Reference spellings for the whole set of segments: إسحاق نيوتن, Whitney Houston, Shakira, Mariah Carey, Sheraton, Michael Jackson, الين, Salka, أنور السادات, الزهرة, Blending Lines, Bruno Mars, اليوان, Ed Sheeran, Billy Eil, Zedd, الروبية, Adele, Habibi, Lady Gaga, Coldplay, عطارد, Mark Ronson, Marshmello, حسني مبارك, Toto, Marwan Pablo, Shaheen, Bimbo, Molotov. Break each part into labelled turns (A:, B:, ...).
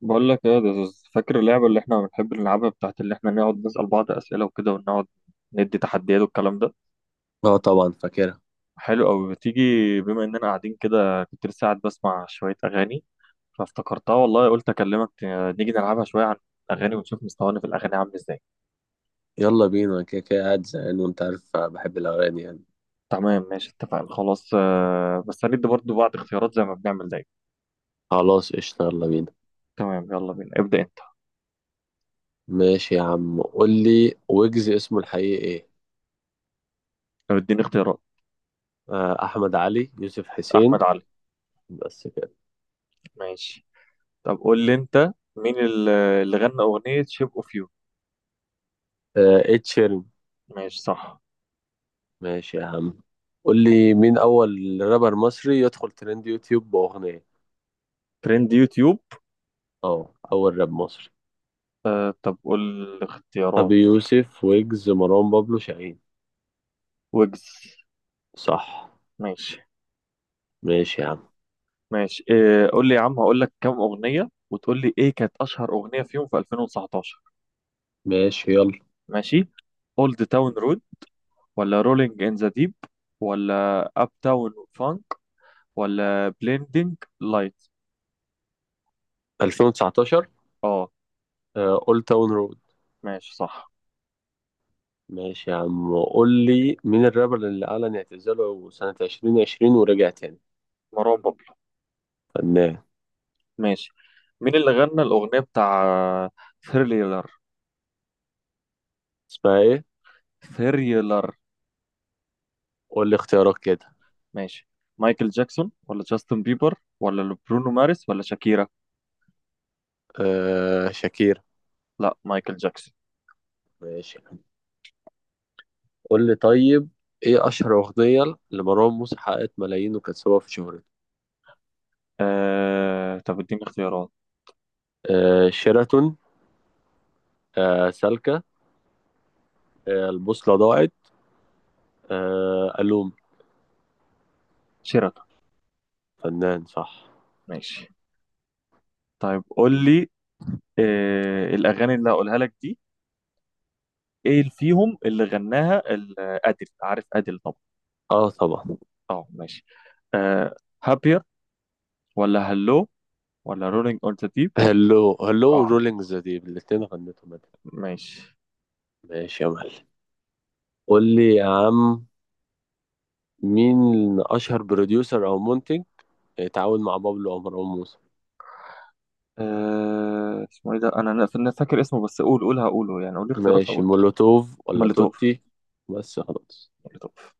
A: بقول لك ايه ده، فاكر اللعبة اللي احنا بنحب نلعبها بتاعت اللي احنا نقعد نسأل بعض أسئلة وكده، ونقعد ندي تحديات والكلام ده؟
B: اه طبعا فاكرها.
A: حلو أوي. بتيجي بما اننا قاعدين كده، كنت لسه قاعد بسمع شوية أغاني فافتكرتها والله، قلت أكلمك. نيجي نلعبها شوية عن الأغاني ونشوف مستوانا في الأغاني عامل ازاي.
B: يلا بينا، أنا كده كده قاعد زهقان وانت عارف بحب الاغاني يعني.
A: تمام ماشي، اتفقنا خلاص. بس هندي برضه بعض اختيارات زي ما بنعمل دايما.
B: خلاص قشطة يلا بينا.
A: تمام يلا بينا، ابدأ انت.
B: ماشي يا عم، قول لي ويجز اسمه الحقيقي ايه؟
A: طب اديني اختيارات.
B: احمد علي يوسف حسين.
A: أحمد علي.
B: بس كده.
A: ماشي. طب قول لي انت مين اللي غنى أغنية شيب اوف يو؟
B: Ed sheeran.
A: ماشي صح.
B: ماشي يا عم. قول لي مين اول رابر مصري يدخل ترند يوتيوب باغنية.
A: ترند يوتيوب.
B: اه اول راب مصري.
A: آه طب قول اختيارات.
B: ابي يوسف، ويجز، مروان بابلو، شاهين.
A: ويجز.
B: صح.
A: ماشي.
B: ماشي يا عم.
A: ماشي إيه؟ قول لي يا عم، هقول لك كام أغنية وتقول لي ايه كانت أشهر أغنية فيهم في 2019.
B: ماشي يلا.
A: ماشي. اولد تاون رود، ولا رولينج ان ذا ديب، ولا اب تاون فانك، ولا بليندنج لايت؟
B: 2019.
A: اه
B: اولد تاون رود.
A: ماشي صح.
B: ماشي يا عم، قول لي مين الرابر اللي أعلن اعتزاله سنة 2020 ورجع تاني؟
A: مروان بابلو.
B: فنان.
A: ماشي. مين اللي غنى الأغنية بتاع ثريلر؟
B: اسمها ايه؟
A: ثريلر.
B: قول لي اختيارات كده.
A: ماشي. مايكل جاكسون ولا جاستن بيبر ولا برونو مارس ولا شاكيرا؟
B: شاكير.
A: لا مايكل جاكسون.
B: ماشي. قول لي طيب، ايه أشهر أغنية لمروان موسى حققت ملايين وكانت سبب في شهرته؟
A: طب اديني اختيارات.
B: شيراتون. سالكة. البوصلة ضاعت. ألوم.
A: شيراتون.
B: فنان صح.
A: ماشي. طيب قول لي، الأغاني اللي هقولها لك دي، ايه اللي فيهم اللي غناها أديل؟ عارف أديل طبعا.
B: اه طبعا.
A: اه ماشي. آه... هابير، ولا هلو، ولا رولينج اون ذا ديب؟
B: هلو هلو
A: اه
B: ورولينج ذا ديب الاتنين غنتهم.
A: ماشي.
B: ماشي يا معلم. قول لي يا عم، مين أشهر بروديوسر أو منتج اتعاون مع بابلو أو مروان موسى؟
A: اسمه ايه ده؟ انا فاكر اسمه، بس قول هقوله يعني. قول لي اختيارات
B: ماشي،
A: هقول.
B: مولوتوف ولا
A: مولوتوف.
B: توتي؟ بس خلاص.
A: مولوتوف.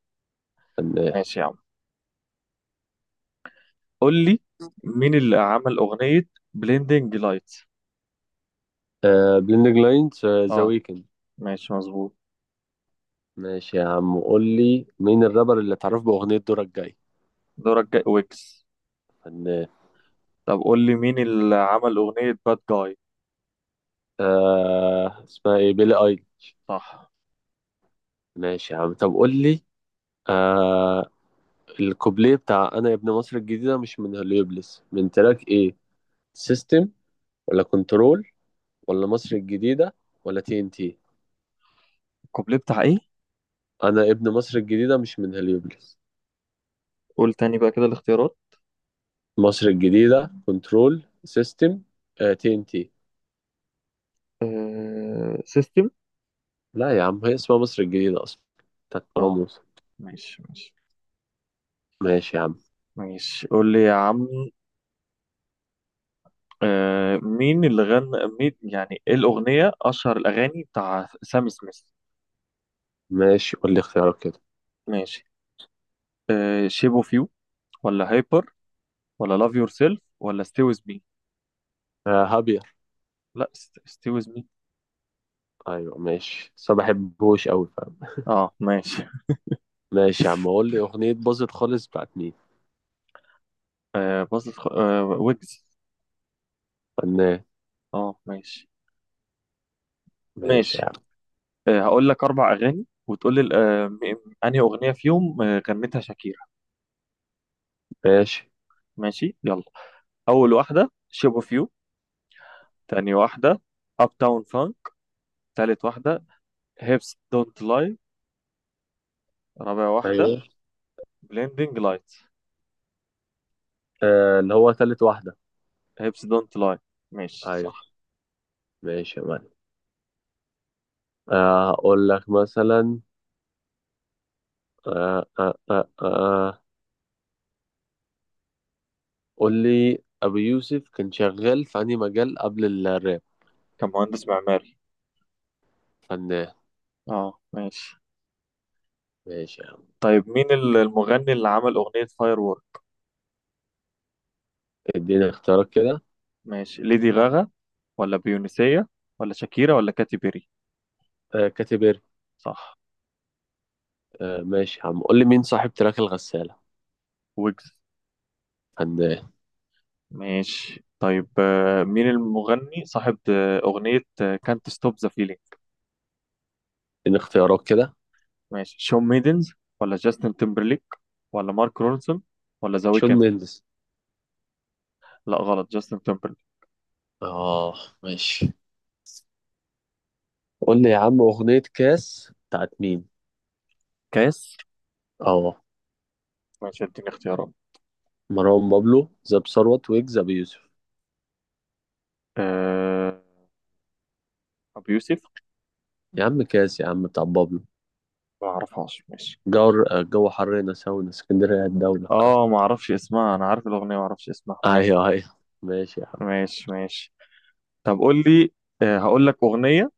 B: فنان.
A: ماشي يا عم. قول لي مين اللي عمل أغنية بليندنج لايت؟
B: بليندنج لاينز، ذا
A: اه
B: ويكند.
A: ماشي مظبوط.
B: ماشي يا عم، قول لي مين الرابر اللي اتعرف بأغنية دورك جاي؟
A: دورك جاي ويكس.
B: فنان.
A: طب قول لي مين اللي عمل أغنية باد جاي؟
B: آه اسمها ايه، بيلي ايل.
A: صح.
B: ماشي يا عم، طب قول لي، آه الكوبليه بتاع انا يا ابن مصر الجديدة مش من هليوبلس من تراك ايه؟ سيستم، ولا كنترول، ولا مصر الجديدة، ولا تي ان تي؟
A: الكوبليه بتاع ايه؟
B: انا ابن مصر الجديده مش من هليوبلس.
A: قول تاني بقى كده الاختيارات.
B: مصر الجديده، كنترول، سيستم، تي ان تي.
A: سيستم.
B: لا يا عم هي اسمها مصر الجديده اصلا، بتاعت
A: اه
B: راموس.
A: ماشي ماشي.
B: ماشي يا عم.
A: ماشي قول لي يا عم، آه مين اللي غنى، مين يعني ايه الأغنية، أشهر الأغاني بتاع سام سميث؟
B: ماشي، قول لي اختيارك كده.
A: ماشي. آه شيب اوف يو، ولا هايبر، ولا لاف يور سيلف، ولا ستي ويز مي؟
B: هابير.
A: لا ستي ويز مي.
B: ايوه ماشي، بس ما بحبهوش قوي فاهم.
A: اه ماشي.
B: ماشي يا عم، قول لي اغنيه باظت خالص بتاعت مين؟
A: آه بص، آه ويجز.
B: فنان.
A: اه ماشي.
B: ماشي يا
A: ماشي
B: عم.
A: هقول لك أربع أغاني وتقول لي أنهي أغنية فيهم غنتها شاكيرا.
B: ماشي.
A: ماشي يلا. أول واحدة شيب أوف يو. تاني واحدة أب تاون فانك. تالت واحدة هيبس دونت لاي. رابع واحدة
B: ايوه.
A: بليندنج لايت.
B: آه اللي هو تالت واحده.
A: هيبس دونت لاي. ماشي صح.
B: ايوه. ماشي يا معلم. اقول لك مثلا. آه آه آه آه. قول لي أبو يوسف كان شغال في أنهي مجال قبل الراب؟
A: كان مهندس معماري.
B: فنان.
A: اه ماشي.
B: ماشي يا عم.
A: طيب مين المغني اللي عمل أغنية فاير وورك؟
B: اديني اختيارات كده.
A: ماشي. ليدي غاغا، ولا بيونسية، ولا شاكيرا، ولا كاتي بيري؟
B: كاتيبيري.
A: صح.
B: آه ماشي يا عم، قول لي مين صاحب تراك الغسالة؟
A: ويجز.
B: فنان.
A: ماشي طيب مين المغني صاحب أغنية كانت ستوب ذا فيلينج؟
B: اديني اختيارات كده.
A: ماشي. شون ميدنز، ولا جاستن تيمبرليك، ولا مارك رونسون، ولا ذا
B: شون
A: ويكند؟
B: مينديز.
A: لا غلط، جاستن تيمبرليك.
B: اه ماشي. قول لي يا عم، أغنية كاس بتاعت مين؟
A: كاس.
B: اه.
A: ماشي اديني اختيارات.
B: مروان بابلو، زاب ثروت، ويجز، أبو يوسف.
A: أه... أبو يوسف.
B: يا عم كاس يا عم بتاع بابلو.
A: ما اعرفهاش ماشي.
B: جو، جو حر هنا، ساونا اسكندرية الدولة فاهم.
A: اه ما اعرفش اسمها، انا عارف الأغنية ما اعرفش اسمها ماشي.
B: ايوه ايوه. ماشي يا عم.
A: ماشي ماشي. طب قول لي، أه هقول لك أغنية،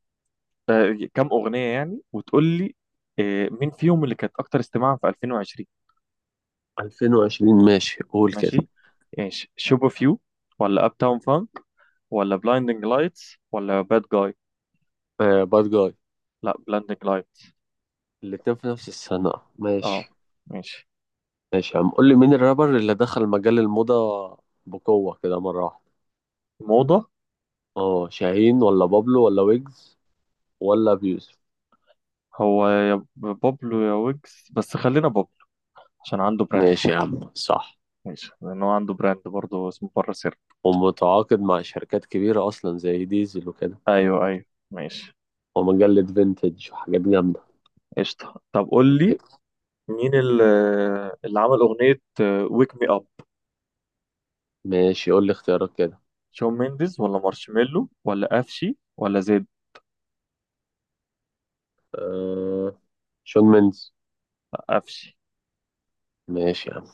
A: أه كم أغنية يعني وتقول لي أه مين فيهم اللي كانت أكتر استماعا في 2020.
B: 2020 ماشي قول كده.
A: ماشي. ايش شوب اوف يو، ولا اب تاون فانك، ولا بلايندنج لايتس، ولا باد جاي؟
B: باد جاي.
A: لا بلايندنج لايتس.
B: الاتنين في نفس السنة.
A: اه
B: ماشي.
A: ماشي.
B: ماشي يا عم، قول لي مين الرابر اللي دخل مجال الموضة بقوة كده مرة واحدة؟
A: موضة.
B: اه شاهين، ولا بابلو، ولا ويجز، ولا بيوسف؟
A: هو يا بابلو يا ويجز، بس خلينا بابلو عشان عنده براند.
B: ماشي يا عم صح.
A: ماشي لان هو عنده براند برضه اسمه بره سر.
B: ومتعاقد مع شركات كبيرة أصلا زي ديزل وكده.
A: ايوه ايوه. ماشي.
B: ومجلة فينتج وحاجات جامدة.
A: قشطة. طب قول لي مين اللي عمل اغنية ويك مي اب؟
B: ماشي، قول لي اختيارات كده.
A: شون مينديز، ولا مارشميلو، ولا افشي، ولا زيد؟
B: آه شون مينز.
A: افشي.
B: ماشي يا عم.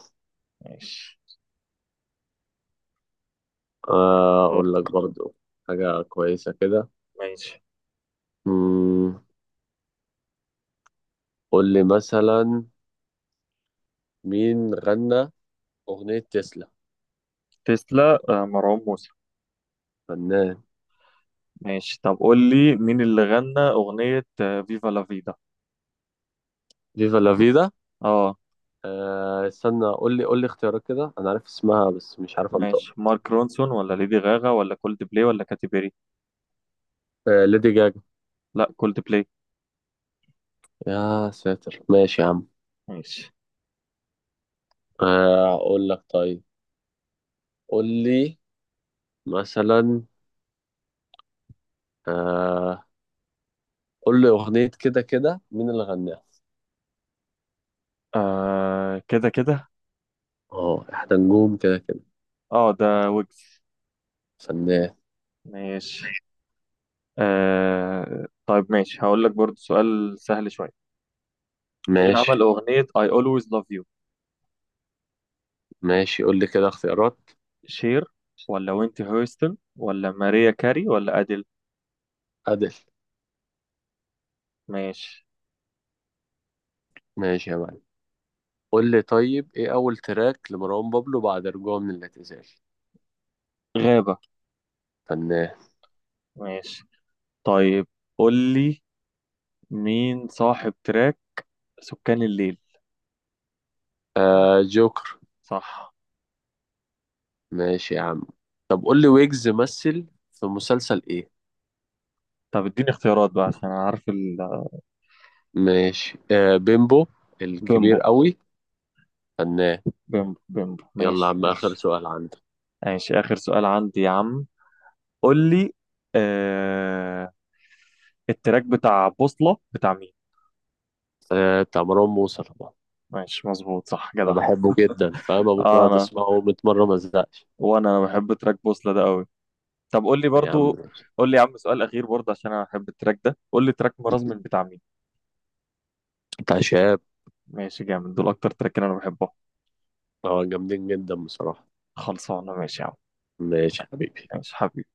A: ماشي. يلا دور.
B: أقول لك برضو حاجة كويسة كده.
A: ماشي.
B: مم، قول لي مثلا، مين غنى أغنية تسلا؟
A: تسلا مروان موسى.
B: فنان.
A: ماشي. طب قول لي مين اللي غنى أغنية فيفا لا فيدا؟
B: فيفا لا فيدا.
A: اه
B: آه استنى، قول لي قول لي اختيارات كده، أنا عارف اسمها بس مش عارف أنطقها.
A: ماشي. مارك رونسون، ولا ليدي غاغا، ولا كولد بلاي، ولا كاتي بيري؟
B: ليدي جاجا.
A: لا كولد بلاي.
B: يا ساتر ماشي يا عم.
A: ماشي.
B: أقول لك طيب، قول لي مثلا، آه قول لي أغنية كده كده مين اللي غناها؟
A: آه كده كده.
B: اه احنا نجوم كده كده.
A: اه ده ويجز.
B: فنان.
A: ماشي. آه طيب ماشي، هقول لك برضو سؤال سهل شوية. مين اللي عمل
B: ماشي.
A: أغنية I always love you؟
B: ماشي قول لي كده اختيارات.
A: شير، ولا وينتي هيوستن، ولا ماريا كاري، ولا أديل؟
B: أدل.
A: ماشي.
B: ماشي يا معلم. قول لي طيب، ايه أول تراك لمروان بابلو بعد رجوعه من الاعتزال؟
A: غابة.
B: فنان.
A: ماشي. طيب قول لي مين صاحب تراك سكان الليل؟
B: آه جوكر.
A: صح.
B: ماشي يا عم، طب قول لي ويجز مثل في مسلسل ايه؟
A: طب اديني اختيارات بقى عشان أنا عارف
B: ماشي، آه بيمبو
A: بيمبو.
B: الكبير قوي. فنان.
A: بيمبو بيمبو.
B: يلا يا
A: ماشي
B: عم اخر
A: ماشي.
B: سؤال عندك.
A: ماشي آخر سؤال عندي يا عم. قول لي آه... التراك بتاع بوصلة بتاع مين؟
B: آه بتاع مروان موسى طبعا.
A: ماشي مظبوط صح
B: انا
A: جدع.
B: بحبه جدا فاهم، ممكن
A: آه
B: اقعد
A: أنا،
B: اسمعه 100 مره ما ازهقش.
A: وأنا بحب تراك بوصلة ده قوي. طب قول لي
B: يا عم
A: برضو،
B: ماشي.
A: قول لي يا عم سؤال أخير برضه عشان أنا بحب التراك ده. قول لي تراك مرازمن بتاع مين؟
B: بتاع شاب.
A: ماشي جامد. دول أكتر تراك أنا بحبه.
B: اه جامدين جدا بصراحه.
A: خلصانة ماشي يا عم.
B: ماشي يا حبيبي.
A: ماشي حبيبي.